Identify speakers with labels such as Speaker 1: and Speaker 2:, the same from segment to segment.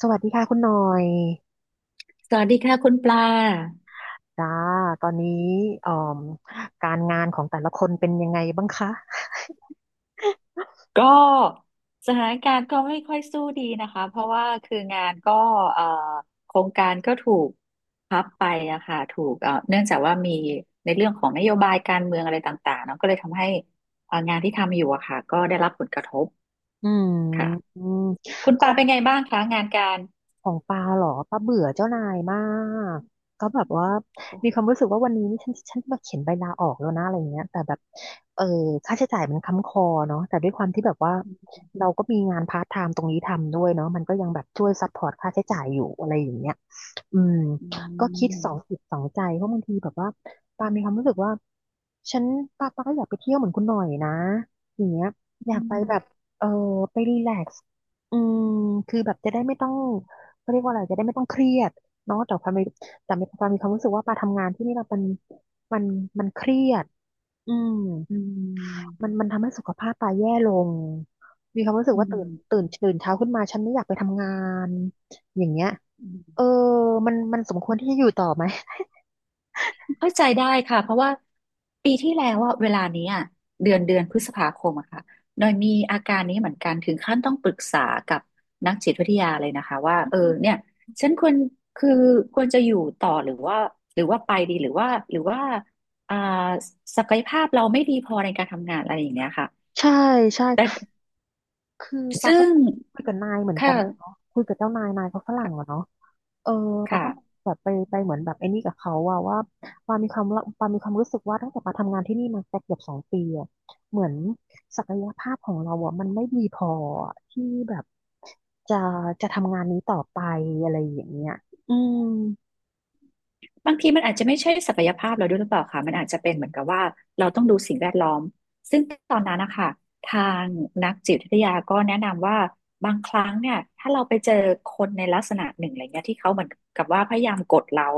Speaker 1: สวัสดีค่ะคุณหน่อย
Speaker 2: สวัสดีค่ะคุณปลา
Speaker 1: จ้าตอนนี้อ่อมการงานของแต่ละคนเป็นยังไงบ้างคะ
Speaker 2: ก็สถานการณ์ก็ไม่ค่อยสู้ดีนะคะเพราะว่าคืองานก็เอ่อโครงการก็ถูกพับไปอะค่ะถูกเนื่องจากว่ามีในเรื่องของนโยบายการเมืองอะไรต่างๆเนาะก็เลยทำให้งานที่ทำอยู่อะค่ะก็ได้รับผลกระทบ
Speaker 1: อืม
Speaker 2: ค่ะ
Speaker 1: อืม
Speaker 2: คุณ
Speaker 1: ค
Speaker 2: ปลา
Speaker 1: ง
Speaker 2: เป็นไงบ้างคะงานการ
Speaker 1: ของปาเหรอปาเบื่อเจ้านายมากก็แบบว่ามีความรู้สึกว่าวันนี้นี่ฉันมาเขียนใบลาออกแล้วนะอะไรเงี้ยแต่แบบเออค่าใช้จ่ายมันค้ำคอเนาะแต่ด้วยความที่แบบว่าเราก็มีงานพาร์ทไทม์ตรงนี้ทำด้วยเนาะมันก็ยังแบบช่วยซัพพอร์ตค่าใช้จ่ายอยู่อะไรอย่างเงี้ย อืม
Speaker 2: อื
Speaker 1: ก็คิดสอง
Speaker 2: ม
Speaker 1: จิตสองใจเพราะบางทีแบบว่าปามีความรู้สึกว่าฉันปาก็อยากไปเที่ยวเหมือนคุณหน่อยนะอย่างเงี้ยอยา
Speaker 2: อื
Speaker 1: กไป
Speaker 2: ม
Speaker 1: แบบเออไปรีแลกซ์อืมคือแบบจะได้ไม่ต้องเขาเรียกว่าอะไรจะได้ไม่ต้องเครียดเนาะแต่ปามีความรู้สึกว่าปาทำงานที่นี่เรามันมันเครียดอืม
Speaker 2: อื
Speaker 1: มัน
Speaker 2: ม
Speaker 1: มันทำให้สุขภาพปาแย่ลงมีความรู้สึก
Speaker 2: อื
Speaker 1: ว่า
Speaker 2: ม
Speaker 1: ตื่นเช้าขึ้นมาฉันไม่อยากไปทำงานอย่างเงี้ย
Speaker 2: อืม
Speaker 1: เออมันสมควรที่จะอยู่ต่อไหม
Speaker 2: เข้าใจได้ค่ะเพราะว่าปีที่แล้วอะเวลานี้อะเดือนพฤษภาคมอะค่ะหน่อยมีอาการนี้เหมือนกันถึงขั้นต้องปรึกษากับนักจิตวิทยาเลยนะคะว่าเออเนี่ยฉันควรคือควรจะอยู่ต่อหรือว่าไปดีหรือว่าอ่าศักยภาพเราไม่ดีพอในการทำงานอะไรอย่างเงี้ยค่ะ
Speaker 1: ใช่ ใช่
Speaker 2: แต่
Speaker 1: คือปา
Speaker 2: ซึ่
Speaker 1: ก็
Speaker 2: ง
Speaker 1: คุยกับนายเหมือน
Speaker 2: ค
Speaker 1: กันเนาะ
Speaker 2: ่ะ
Speaker 1: คุยกับเจ้านายนายเขาฝรั่ง
Speaker 2: ค่ะ
Speaker 1: อะเนาะเออปาก็
Speaker 2: ค่ะ
Speaker 1: แบบไปเหมือนแบบไอ้นี่กับเขาว่าปามีความรู้สึกว่าตั้งแต่ปาทำงานที่นี่มาสักเกือบสองปีอะเหมือนศักยภาพของเราอะมันไม่ดีพออที่แบบจะจะทำงานนี้ต่อไปอะไรอย่างเงี้ยอืม
Speaker 2: บางทีมันอาจจะไม่ใช่ศักยภาพเราด้วยหรือเปล่าคะมันอาจจะเป็นเหมือนกับว่าเราต้องดูสิ่งแวดล้อมซึ่งตอนนั้นนะคะทางนักจิตวิทยาก็แนะนำว่าบางครั้งเนี่ยถ้าเราไปเจอคนในลักษณะหนึ่งอะไรเงี้ยที่เขาเหมือนกับว่าพยายามกดเรา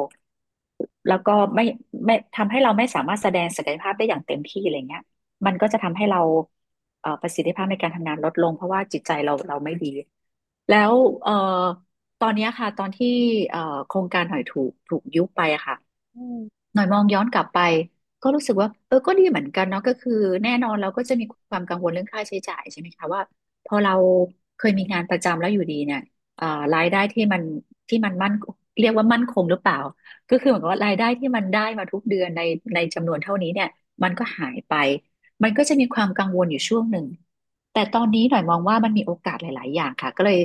Speaker 2: แล้วก็ไม่ทำให้เราไม่สามารถแสดงศักยภาพได้อย่างเต็มที่อะไรเงี้ยมันก็จะทำให้เราประสิทธิภาพในการทำงานลดลงเพราะว่าจิตใจเราเราไม่ดี แล้วเอ่อ ตอนเนี้ยค่ะตอนที่โครงการหอยถูกยุบไปอะค่ะ
Speaker 1: อื
Speaker 2: หน่อยมองย้อนกลับไปก็รู้สึกว่าเออก็ดีเหมือนกันเนาะก็คือแน่นอนเราก็จะมีความกังวลเรื่องค่าใช้จ่ายใช่ไหมคะว่าพอเราเคยมีงานประจำแล้วอยู่ดีเนี่ยเอ่อรายได้ที่มันที่มันมั่นเรียกว่ามั่นคงหรือเปล่าก็คือเหมือนกับว่ารายได้ที่มันได้มาทุกเดือนในในจำนวนเท่านี้เนี่ยมันก็หายไปมันก็จะมีความกังวลอยู่ช่วงหนึ่งแต่ตอนนี้หน่อยมองว่ามันมีโอกาสหลายๆอย่างค่ะก็เลย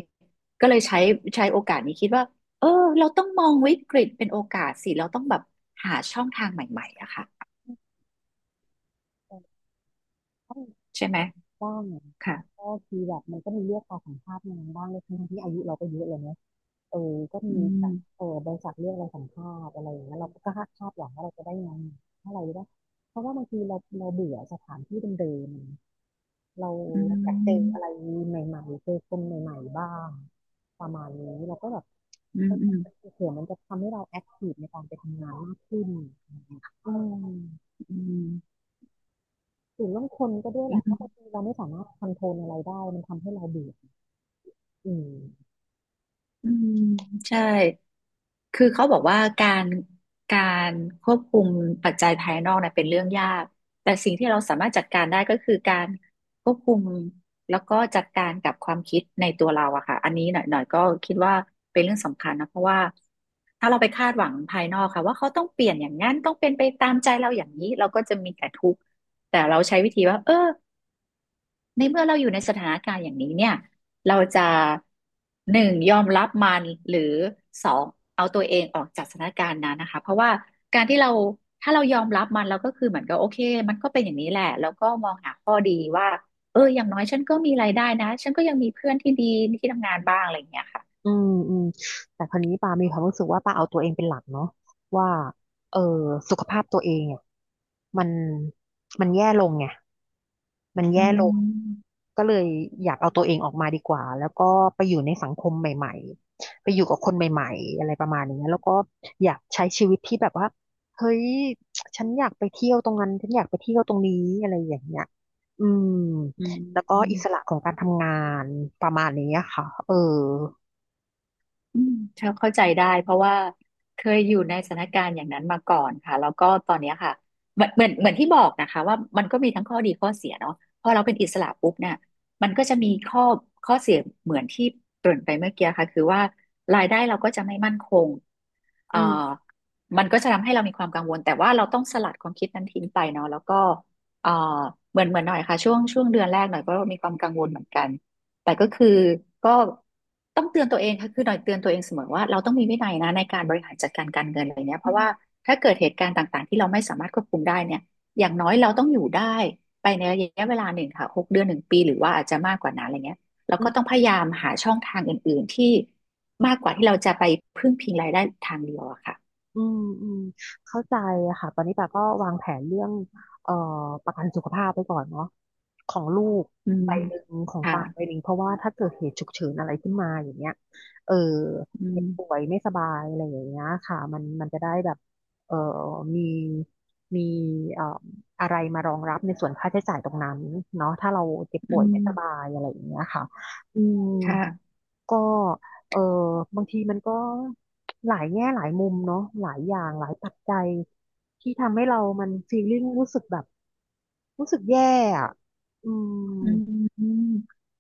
Speaker 2: ใช้โอกาสนี้คิดว่า เออเราต้องมองวิกฤตเป็นโอกาสสิเราต้องแบบหาช่องทางใหม่ๆอะค่ะ
Speaker 1: ม
Speaker 2: ใช่ไหม
Speaker 1: บ้าง
Speaker 2: ค่ะ
Speaker 1: ก็คือแบบมันก็มีเลือกเอาสัมภาษณ์งานบ้างเลยทั้งที่อายุเราก็เยอะเลยเนอะเออก็มี
Speaker 2: อื
Speaker 1: แบ
Speaker 2: ม
Speaker 1: บเออบริษัทเลือกเราสัมภาษณ์อะไรอย่างเงี้ยเราก็คาดหวังว่าเราจะได้งานเท่าไหร่ได้เพราะว่าบางทีเราเบื่อสถานที่เดิมๆเรา
Speaker 2: อื
Speaker 1: อยากเจออะไร
Speaker 2: ม
Speaker 1: ใหม่ๆเจอคนใหม่ๆบ้างประมาณนี้เราก็แบบ
Speaker 2: อื
Speaker 1: เฮ้
Speaker 2: ม
Speaker 1: ย
Speaker 2: อืม
Speaker 1: เผื่อมันจะทำให้เราแอคทีฟในการไปทำงานมากขึ้นอืม
Speaker 2: อืม
Speaker 1: ถึงเรื่องคนก็ด้วยแห
Speaker 2: อื
Speaker 1: ละเพ
Speaker 2: ม
Speaker 1: ราะบางทีเราไม่สามารถคอนโทรลอะไรได้มันทำให้เราเบื่ออืม
Speaker 2: อืมใช่ คือเขาบอกว่าการการควบคุมปัจจัยภายนอกเนี่ยเป็นเรื่องยากแต่สิ่งที่เราสามารถจัดการได้ก็คือการควบคุมแล้วก็จัดการกับความคิดในตัวเราอะค่ะอันนี้หน่อยก็คิดว่าเป็นเรื่องสำคัญนะเพราะว่าถ้าเราไปคาดหวังภายนอกค่ะว่าเขาต้องเปลี่ยนอย่างนั้นต้องเป็นไปตามใจเราอย่างนี้เราก็จะมีแต่ทุกข์แต่เราใช้วิธีว่าเออ ในเมื่อเราอยู่ในสถานการณ์อย่างนี้เนี่ยเราจะหนึ่งยอมรับมันหรือสองเอาตัวเองออกจากสถานการณ์นั้นนะคะเพราะว่าการที่เราถ้าเรายอมรับมันเราก็คือเหมือนกับโอเคมันก็เป็นอย่างนี้แหละแล้วก็มองหาข้อเอออย่างน้อยฉันก็มีรายได้นะฉันก็ยังมีเพื่อนที่ดีที่ทำงานบ้างอะไรอย่างเงี้ยค่ะ
Speaker 1: อืมอืมแต่คราวนี้ปามีความรู้สึกว่าปาเอาตัวเองเป็นหลักเนาะว่าเออสุขภาพตัวเองอ่ะมันมันแย่ลงไงมัน
Speaker 2: อื
Speaker 1: แย่ลง
Speaker 2: ม
Speaker 1: ก็เลยอยากเอาตัวเองออกมาดีกว่าแล้วก็ไปอยู่ในสังคมใหม่ๆไปอยู่กับคนใหม่ๆอะไรประมาณอย่างเงี้ยแล้วก็อยากใช้ชีวิตที่แบบว่าเฮ้ยฉันอยากไปเที่ยวตรงนั้นฉันอยากไปเที่ยวตรงนี้อะไรอย่างเงี้ยอืม
Speaker 2: อื
Speaker 1: แล้วก็อิสระ
Speaker 2: ม
Speaker 1: ของการทำงานประมาณนี้ค่ะเออ
Speaker 2: อืมเข้าใจได้เพราะว่าเคยอยู่ในสถานการณ์อย่างนั้นมาก่อนค่ะแล้วก็ตอนเนี้ยค่ะเหมือนที่บอกนะคะว่ามันก็มีทั้งข้อดีข้อเสียเนาะพอเราเป็นอิสระปุ๊บเนี่ยมันก็จะมีข้อเสียเหมือนที่เกริ่นไปเมื่อกี้ค่ะคือว่ารายได้เราก็จะไม่มั่นคงเอ่อ
Speaker 1: อืม
Speaker 2: มันก็จะทำให้เรามีความกังวลแต่ว่าเราต้องสลัดความคิดนั้นทิ้งไปเนาะแล้วก็เอ่อเหมือนเหมือนหน่อยค่ะช่วงเดือนแรกหน่อยก็มีความกังวลเหมือนกัน แต่ก็คือก็ต้องเตือนตัวเองค่ะคือหน่อยเตือนตัวเองเสมอว่าเราต้องมีวินัยนะในการบริหารจัดการการเงินอะไรเนี้ยเพ
Speaker 1: อื
Speaker 2: ราะว่า
Speaker 1: ม
Speaker 2: ถ้าเกิดเหตุการณ์ต่างๆที่เราไม่สามารถควบคุมได้เนี่ยอย่างน้อยเราต้องอยู่ได้ไปในระยะเวลาหนึ่งค่ะหกเดือนหนึ่งปีหรือว่าอาจจะมากกว่านั้นอะไรเงี้ยเรา
Speaker 1: อื
Speaker 2: ก็
Speaker 1: ม
Speaker 2: ต้องพยายามหาช่องทางอื่นๆที่มากกว่าที่เราจะไปพึ่งพิงรายได้ทางเดียวอะค่ะ
Speaker 1: อืมอืมเข้าใจค่ะตอนนี้ปาก็วางแผนเรื่องเอ่อประกันสุขภาพไปก่อนเนาะของลูก
Speaker 2: อืม
Speaker 1: ใบหนึ่งของ
Speaker 2: ค่ะ
Speaker 1: ปาใบหนึ่งเพราะว่าถ้าเกิดเหตุฉุกเฉินอะไรขึ้นมาอย่างเงี้ยเออ
Speaker 2: อื
Speaker 1: เจ็บป่ว
Speaker 2: ม
Speaker 1: ยไม่สบายอะไรอย่างเงี้ยค่ะมันมันจะได้แบบเอ่อมีมีเอ่ออะไรมารองรับในส่วนค่าใช้จ่ายตรงนั้นเนาะถ้าเราเจ็บ
Speaker 2: อื
Speaker 1: ป่วยไม่สบา
Speaker 2: ม
Speaker 1: ยอะไรอย่างเงี้ยค่ะอืม
Speaker 2: ค่ะ
Speaker 1: ก็เออบางทีมันก็หลายแง่หลายมุมเนาะหลายอย่างหลายปัจจัยที่ทำให้เรามันฟีลลิ่งรู้สึกแบบรู้สึกแย่อะอืม
Speaker 2: อืม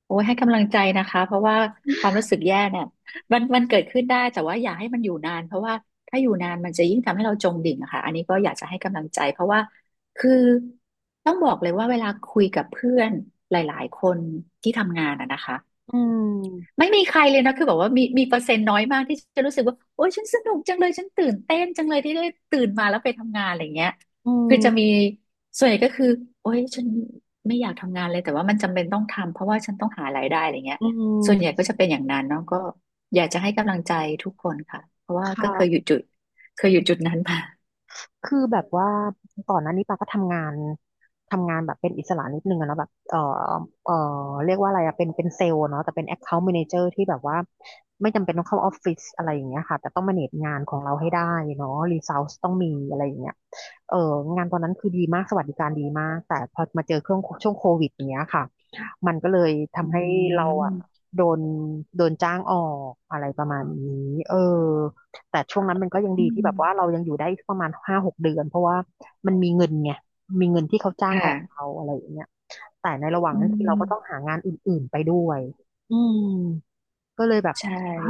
Speaker 2: โอ้ยให้กำลังใจนะคะเพราะว่าความรู้สึกแย่เนี่ยมันเกิดขึ้นได้แต่ว่าอย่าให้มันอยู่นานเพราะว่าถ้าอยู่นานมันจะยิ่งทำให้เราจมดิ่งอะค่ะอันนี้ก็อยากจะให้กำลังใจเพราะว่าคือต้องบอกเลยว่าเวลาคุยกับเพื่อนหลายๆคนที่ทำงานอะนะคะ
Speaker 1: อืม
Speaker 2: ไม่มีใครเลยนะคือแบบว่ามีเปอร์เซ็นต์น้อยมากที่จะรู้สึกว่าโอ๊ยฉันสนุกจังเลยฉันตื่นเต้นจังเลยที่ได้ตื่นมาแล้วไปทำงานอะไรเงี้ย
Speaker 1: อื
Speaker 2: คือจะ
Speaker 1: ม
Speaker 2: มีส่วนใหญ่ก็คือโอ๊ยฉันไม่อยากทำงานเลยแต่ว่ามันจำเป็นต้องทำเพราะว่าฉันต้องหารายได้อะไรเงี้ย
Speaker 1: อื
Speaker 2: ส่วนใหญ่
Speaker 1: ม
Speaker 2: ก็จะเป็นอย่างนั้นเนาะก็อยากจะให้กำลังใจทุกคนค่ะเพราะว่า
Speaker 1: ค
Speaker 2: ก็เคยอยู่
Speaker 1: ่ะ
Speaker 2: จุดเคยอยู่จุดนั้นมา
Speaker 1: คือแบบว่าก่อนหน้านี้ปาก็ทำงานแบบเป็นอิสระนิดนึงอะเนาะแบบเออเรียกว่าอะไรอะเป็นเซลล์เนาะแต่เป็น Account Manager ที่แบบว่าไม่จำเป็นต้องเข้าออฟฟิศอะไรอย่างเงี้ยค่ะแต่ต้องมาเนจงานของเราให้ได้เนาะรีซอสต้องมีอะไรอย่างเงี้ยเอองานตอนนั้นคือดีมากสวัสดิการดีมากแต่พอมาเจอเครื่องช่วงโควิดอย่างเงี้ยค่ะมันก็เลย
Speaker 2: อื
Speaker 1: ทำให้เราอะ
Speaker 2: ม
Speaker 1: โดนโดนจ้างออกอะไรประมาณนี้เออ แต่ช่วงนั้นมันก็ยัง
Speaker 2: อื
Speaker 1: ดีที่แบบว่า
Speaker 2: ม
Speaker 1: เรายังอยู่ได้ประมาณห้าหกเดือนเพราะว่ามันมีเงินไงมีเงินที่เขาจ้างออก
Speaker 2: ค่ะ
Speaker 1: เราอะไรอย่างเงี้ยแต่ในระหว่าง
Speaker 2: อื
Speaker 1: นั้นคือเรา
Speaker 2: ม
Speaker 1: ก็ต้องหางานอื่นๆไปด้วยอืมก็เลยแบบ
Speaker 2: ใช่
Speaker 1: อ้า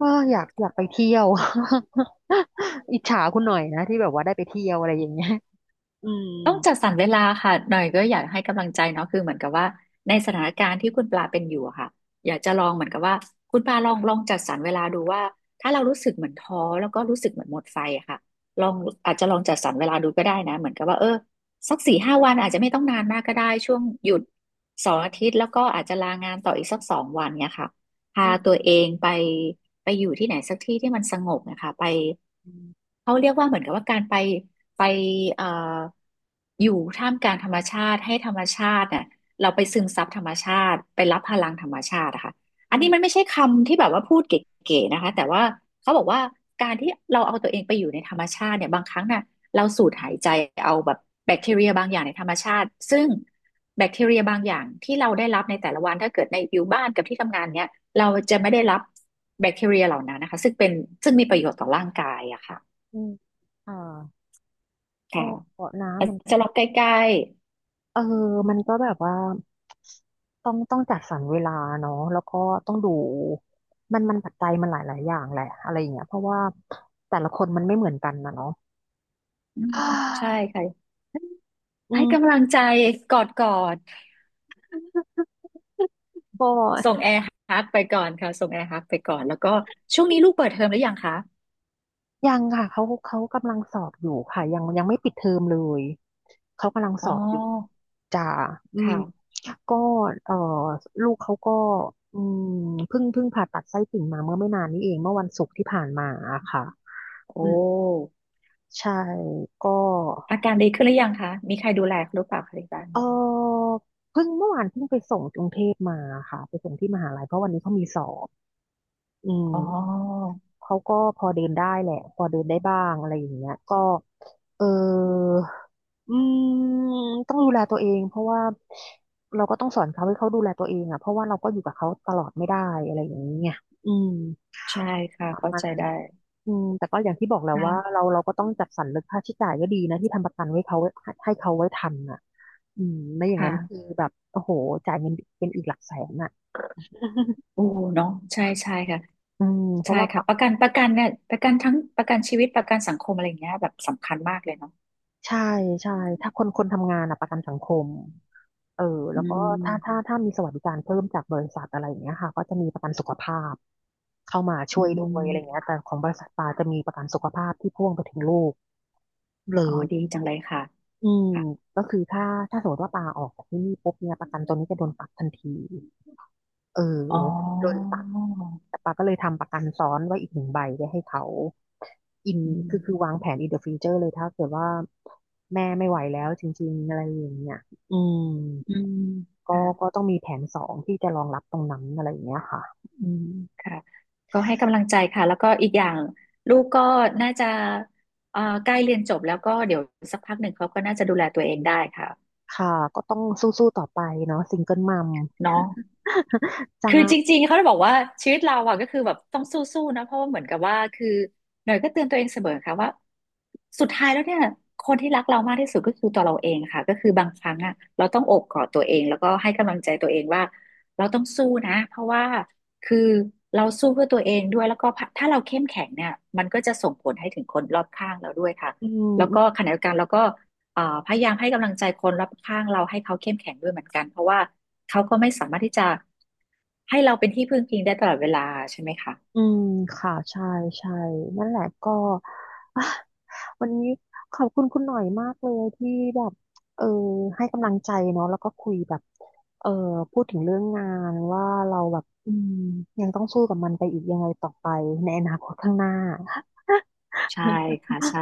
Speaker 1: อ้าอยากไปเที่ยว อิจฉาคุณหน่อยนะที่แบบว่าได้ไปเที่ยวอะไรอย่างเงี้ยอืม
Speaker 2: ต้องจัดสรรเวลาค่ะหน่อยก็อยากให้กำลังใจเนาะคือเหมือนกับว่าในสถานการณ์ที่คุณปลาเป็นอยู่อะค่ะอยากจะลองเหมือนกับว่าคุณปลาลองจัดสรรเวลาดูว่าถ้าเรารู้สึกเหมือนท้อแล้วก็รู้สึกเหมือนหมดไฟอะค่ะลองอาจจะลองจัดสรรเวลาดูก็ได้นะเหมือนกับว่าเออสักสี่ห้าวันอาจจะไม่ต้องนานมากก็ได้ช่วงหยุดสองอาทิตย์แล้วก็อาจจะลางานต่ออีกสักสองวันเนี่ยค่ะ
Speaker 1: อื
Speaker 2: พาตัว
Speaker 1: ม
Speaker 2: เองไปไปอยู่ที่ไหนสักที่ที่มันสงบนะคะไป
Speaker 1: อื
Speaker 2: เขาเรียกว่าเหมือนกับว่าการไปไปเอ่ออยู่ท่ามกลางธรรมชาติให้ธรรมชาติน่ะเราไปซึมซับธรรมชาติไปรับพลังธรรมชาติอะค่ะอันนี้มัน
Speaker 1: ม
Speaker 2: ไม่ใช่คำที่แบบว่าพูดเก๋ๆนะคะแต่ว่าเขาบอกว่าการที่เราเอาตัวเองไปอยู่ในธรรมชาติเนี่ยบางครั้งน่ะเราสูดหายใจเอาแบบแบคทีเรียบางอย่างในธรรมชาติซึ่งแบคทีเรียบางอย่างที่เราได้รับในแต่ละวันถ้าเกิดในอยู่บ้านกับที่ทำงานเนี่ยเราจะไม่ได้รับแบคทีเรียเหล่านั้นนะคะซึ่งเป็นซึ่งมีประโยชน์ต่อร่างกายอะค่ะ
Speaker 1: อืมอ่าก็
Speaker 2: ค่ะ
Speaker 1: เกาะ
Speaker 2: อา
Speaker 1: น้ำ
Speaker 2: จ
Speaker 1: มัน
Speaker 2: จะล็อกใกล้
Speaker 1: เออมันก็แบบว่าต้องจัดสรรเวลาเนาะแล้วก็ต้องดู มันปัจจัยมันหลายอย่างแหละอะไรอย่างเงี้ยเพราะว่าแต่ละคนมันไม่เหมือนกันนะเนาะ
Speaker 2: ๆอืมใช่ ค่ะ
Speaker 1: อื
Speaker 2: ให้กำลั
Speaker 1: ม
Speaker 2: งใจกอดกอด
Speaker 1: ก็
Speaker 2: ส่งแอร์ฮักไปก่อนค่ะส่งแอร์ฮักไปก่อนแล้วก็ช่วงนี้ลูกเปิดเทอมหรือยังคะ
Speaker 1: ยังค่ะเขากำลังสอบอยู่ค่ะยังไม่ปิดเทอมเลย เขากำลังส
Speaker 2: อ๋อ
Speaker 1: อบอยู่จ้าอืม
Speaker 2: ค่ะ
Speaker 1: ก็เออลูกเขาก็อืมเพิ่งผ่าตัดไส้ติ่งมาเมื่อไม่นานนี้เอง เมื่อวันศุกร์ที่ผ่านมาอะค่ะ
Speaker 2: โอ
Speaker 1: อืม
Speaker 2: ้
Speaker 1: ใช่ก็
Speaker 2: อาการดีขึ้นหรือยังคะมีใครดูแลหรือเปล่าคะที่บ้าน
Speaker 1: เออเพิ่งเมื่อวานเพิ่งไปส่งกรุงเทพมาค่ะไปส่งที่มหาลัยเพราะวันนี้เขามีสอบอืม
Speaker 2: อ๋อ
Speaker 1: เขาก็พอเดินได้แหละพอเดินได้บ้างอะไรอย่างเงี้ยก็เอออืมต้องดูแลตัวเองเพราะว่าเราก็ต้องสอนเขาให้เขาดูแลตัวเองอ่ะเพราะว่าเราก็อยู่กับเขาตลอดไม่ได้อะไรอย่างเงี้ยอืม
Speaker 2: ใช่ค่ะ
Speaker 1: ประ
Speaker 2: เข้า
Speaker 1: มาณ
Speaker 2: ใจ
Speaker 1: นั้น
Speaker 2: ได้
Speaker 1: อืมแต่ก็อย่างที่บอกแหล้วว่า
Speaker 2: ค่ะ
Speaker 1: เราก็ต้องจัดสรรเรื่องค่าใช้จ่ายก็ดีนะที่ทำประกันไว้เขาไว้ให้เขาไว้ทันอ่ะ อืมไม่อย่างนั้นคือ
Speaker 2: ค่ะ
Speaker 1: แบบโอ้โหจ่ายเงินเป็นอีกหลักแสนอ่ะ
Speaker 2: โอ้เนาะใช่ใช่ค่ะ
Speaker 1: อืมเพ
Speaker 2: ใช่
Speaker 1: ราะว่าพั
Speaker 2: ค่ะ
Speaker 1: ก
Speaker 2: ประกันเนี่ยประกันทั้งประกันชีวิตประกันสังคมอะไรอย่างเงี้ยแบบสำคัญมากเลยเนาะ
Speaker 1: ใช่ใช่ถ้าคนทำงานอะประกันสังคมเออ
Speaker 2: อื
Speaker 1: แล้วก็ถ้าถ้า
Speaker 2: ม
Speaker 1: ถ้ามีสวัสดิการเพิ่มจากบริษัทอะไรอย่างเงี้ยค่ะก็จะมีประกันสุขภาพเข้ามาช่
Speaker 2: อื
Speaker 1: วยด้วยอะไรเงี้
Speaker 2: ม
Speaker 1: ยแต่ของบริษัทปาจะมีประกันสุขภาพที่พ่วงไปถึงลูกเล
Speaker 2: อ๋อ
Speaker 1: ย
Speaker 2: ดีจังเลยค่ะ
Speaker 1: อืม
Speaker 2: ค่ะ
Speaker 1: ก็คือถ้าสมมติว่าปาออกจากที่นี่ปุ๊บเนี่ยประกันตัวนี้จะโดนตัดทันทีเออ
Speaker 2: อ๋
Speaker 1: โดน
Speaker 2: อ
Speaker 1: แต่ปาก็เลยทำประกันซ้อนไว้อีกหนึ่งใบไว้ให้เขาอิน
Speaker 2: อื
Speaker 1: คือ
Speaker 2: ม
Speaker 1: คือวางแผนอินเดอะฟ u r เจอร์เลยถ้าเกิดว่าแม่ไม่ไหวแล้วจริงๆอะไรอย่างเงี้ยอืม
Speaker 2: อืม
Speaker 1: ก็
Speaker 2: ค่ะ
Speaker 1: ก็ต้องมีแผนสองที่จะรองรับตรงนั้นอะไรอย่างเงี้ยค่ะอืม
Speaker 2: ค่ะ ก็ให้กำลังใจค่ะ แล้วก็อีกอย่างลูกก็น่าจะใกล้เรียนจบแล้วก็เดี๋ยวสักพักหนึ่งเขาก็น่าจะดูแลตัวเองได้ค่ะ
Speaker 1: ค่ะก็ต้องสู้ๆต่อไปเนาะซิงเกิลมัม
Speaker 2: เนาะ
Speaker 1: จ้า
Speaker 2: คือจริงๆเขาจะบอกว่าชีวิตเราอะก็คือแบบต้องสู้ๆนะเพราะว่าเหมือนกับว่าคือหน่อยก็เตือนตัวเองเสมอค่ะว่าสุดท้ายแล้วเนี่ยคนที่รักเรามากที่สุดก็คือตัวเราเองค่ะก็คือบางครั้งอะเราต้องโอบกอดตัวเองแล้วก็ให้กำลังใจตัวเองว่าเราต้องสู้นะเพราะว่าคือเราสู้เพื่อตัวเองด้วยแล้วก็ถ้าเราเข้มแข็งเนี่ยมันก็จะส่งผลให้ถึงคนรอบข้างเราด้วยค่ะ
Speaker 1: อื
Speaker 2: แล้วก็
Speaker 1: ม
Speaker 2: ขณะเดียวกันเราก็ พยายามให้กำลังใจคนรอบข้างเราให้เขาเข้มแข็งด้วยเหมือนกันเพราะว่าเขาก็ไม่สามารถที่จะให้เราเป็นที่พึ่งพิงได้ตลอดเวลาใช่ไหมคะ
Speaker 1: อืมค่ะใช่นั่นแหละก็ อ่ะวันนี้ขอบคุณคุณหน่อยมากเลยที่แบบเออให้กำลังใจเนาะแล้วก็คุยแบบเออพูดถึงเรื่องงานว่าเราแบบอืมยังต้องสู้กับมันไปอีกยังไงต่อไปในอนาคตข้างหน้า
Speaker 2: ใช่ ค่ะใช่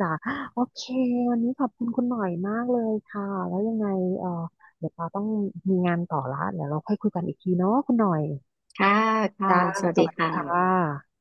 Speaker 1: จ้ะโอเควันนี้ขอบคุณคุณหน่อยมากเลยค่ะแล้วยังไงเออเดี๋ยวเราต้องมีงานต่อละเดี๋ยวเราค่อยคุยกันอีกทีเนาะคุณหน่อยจ้าสวัสดีค่ะ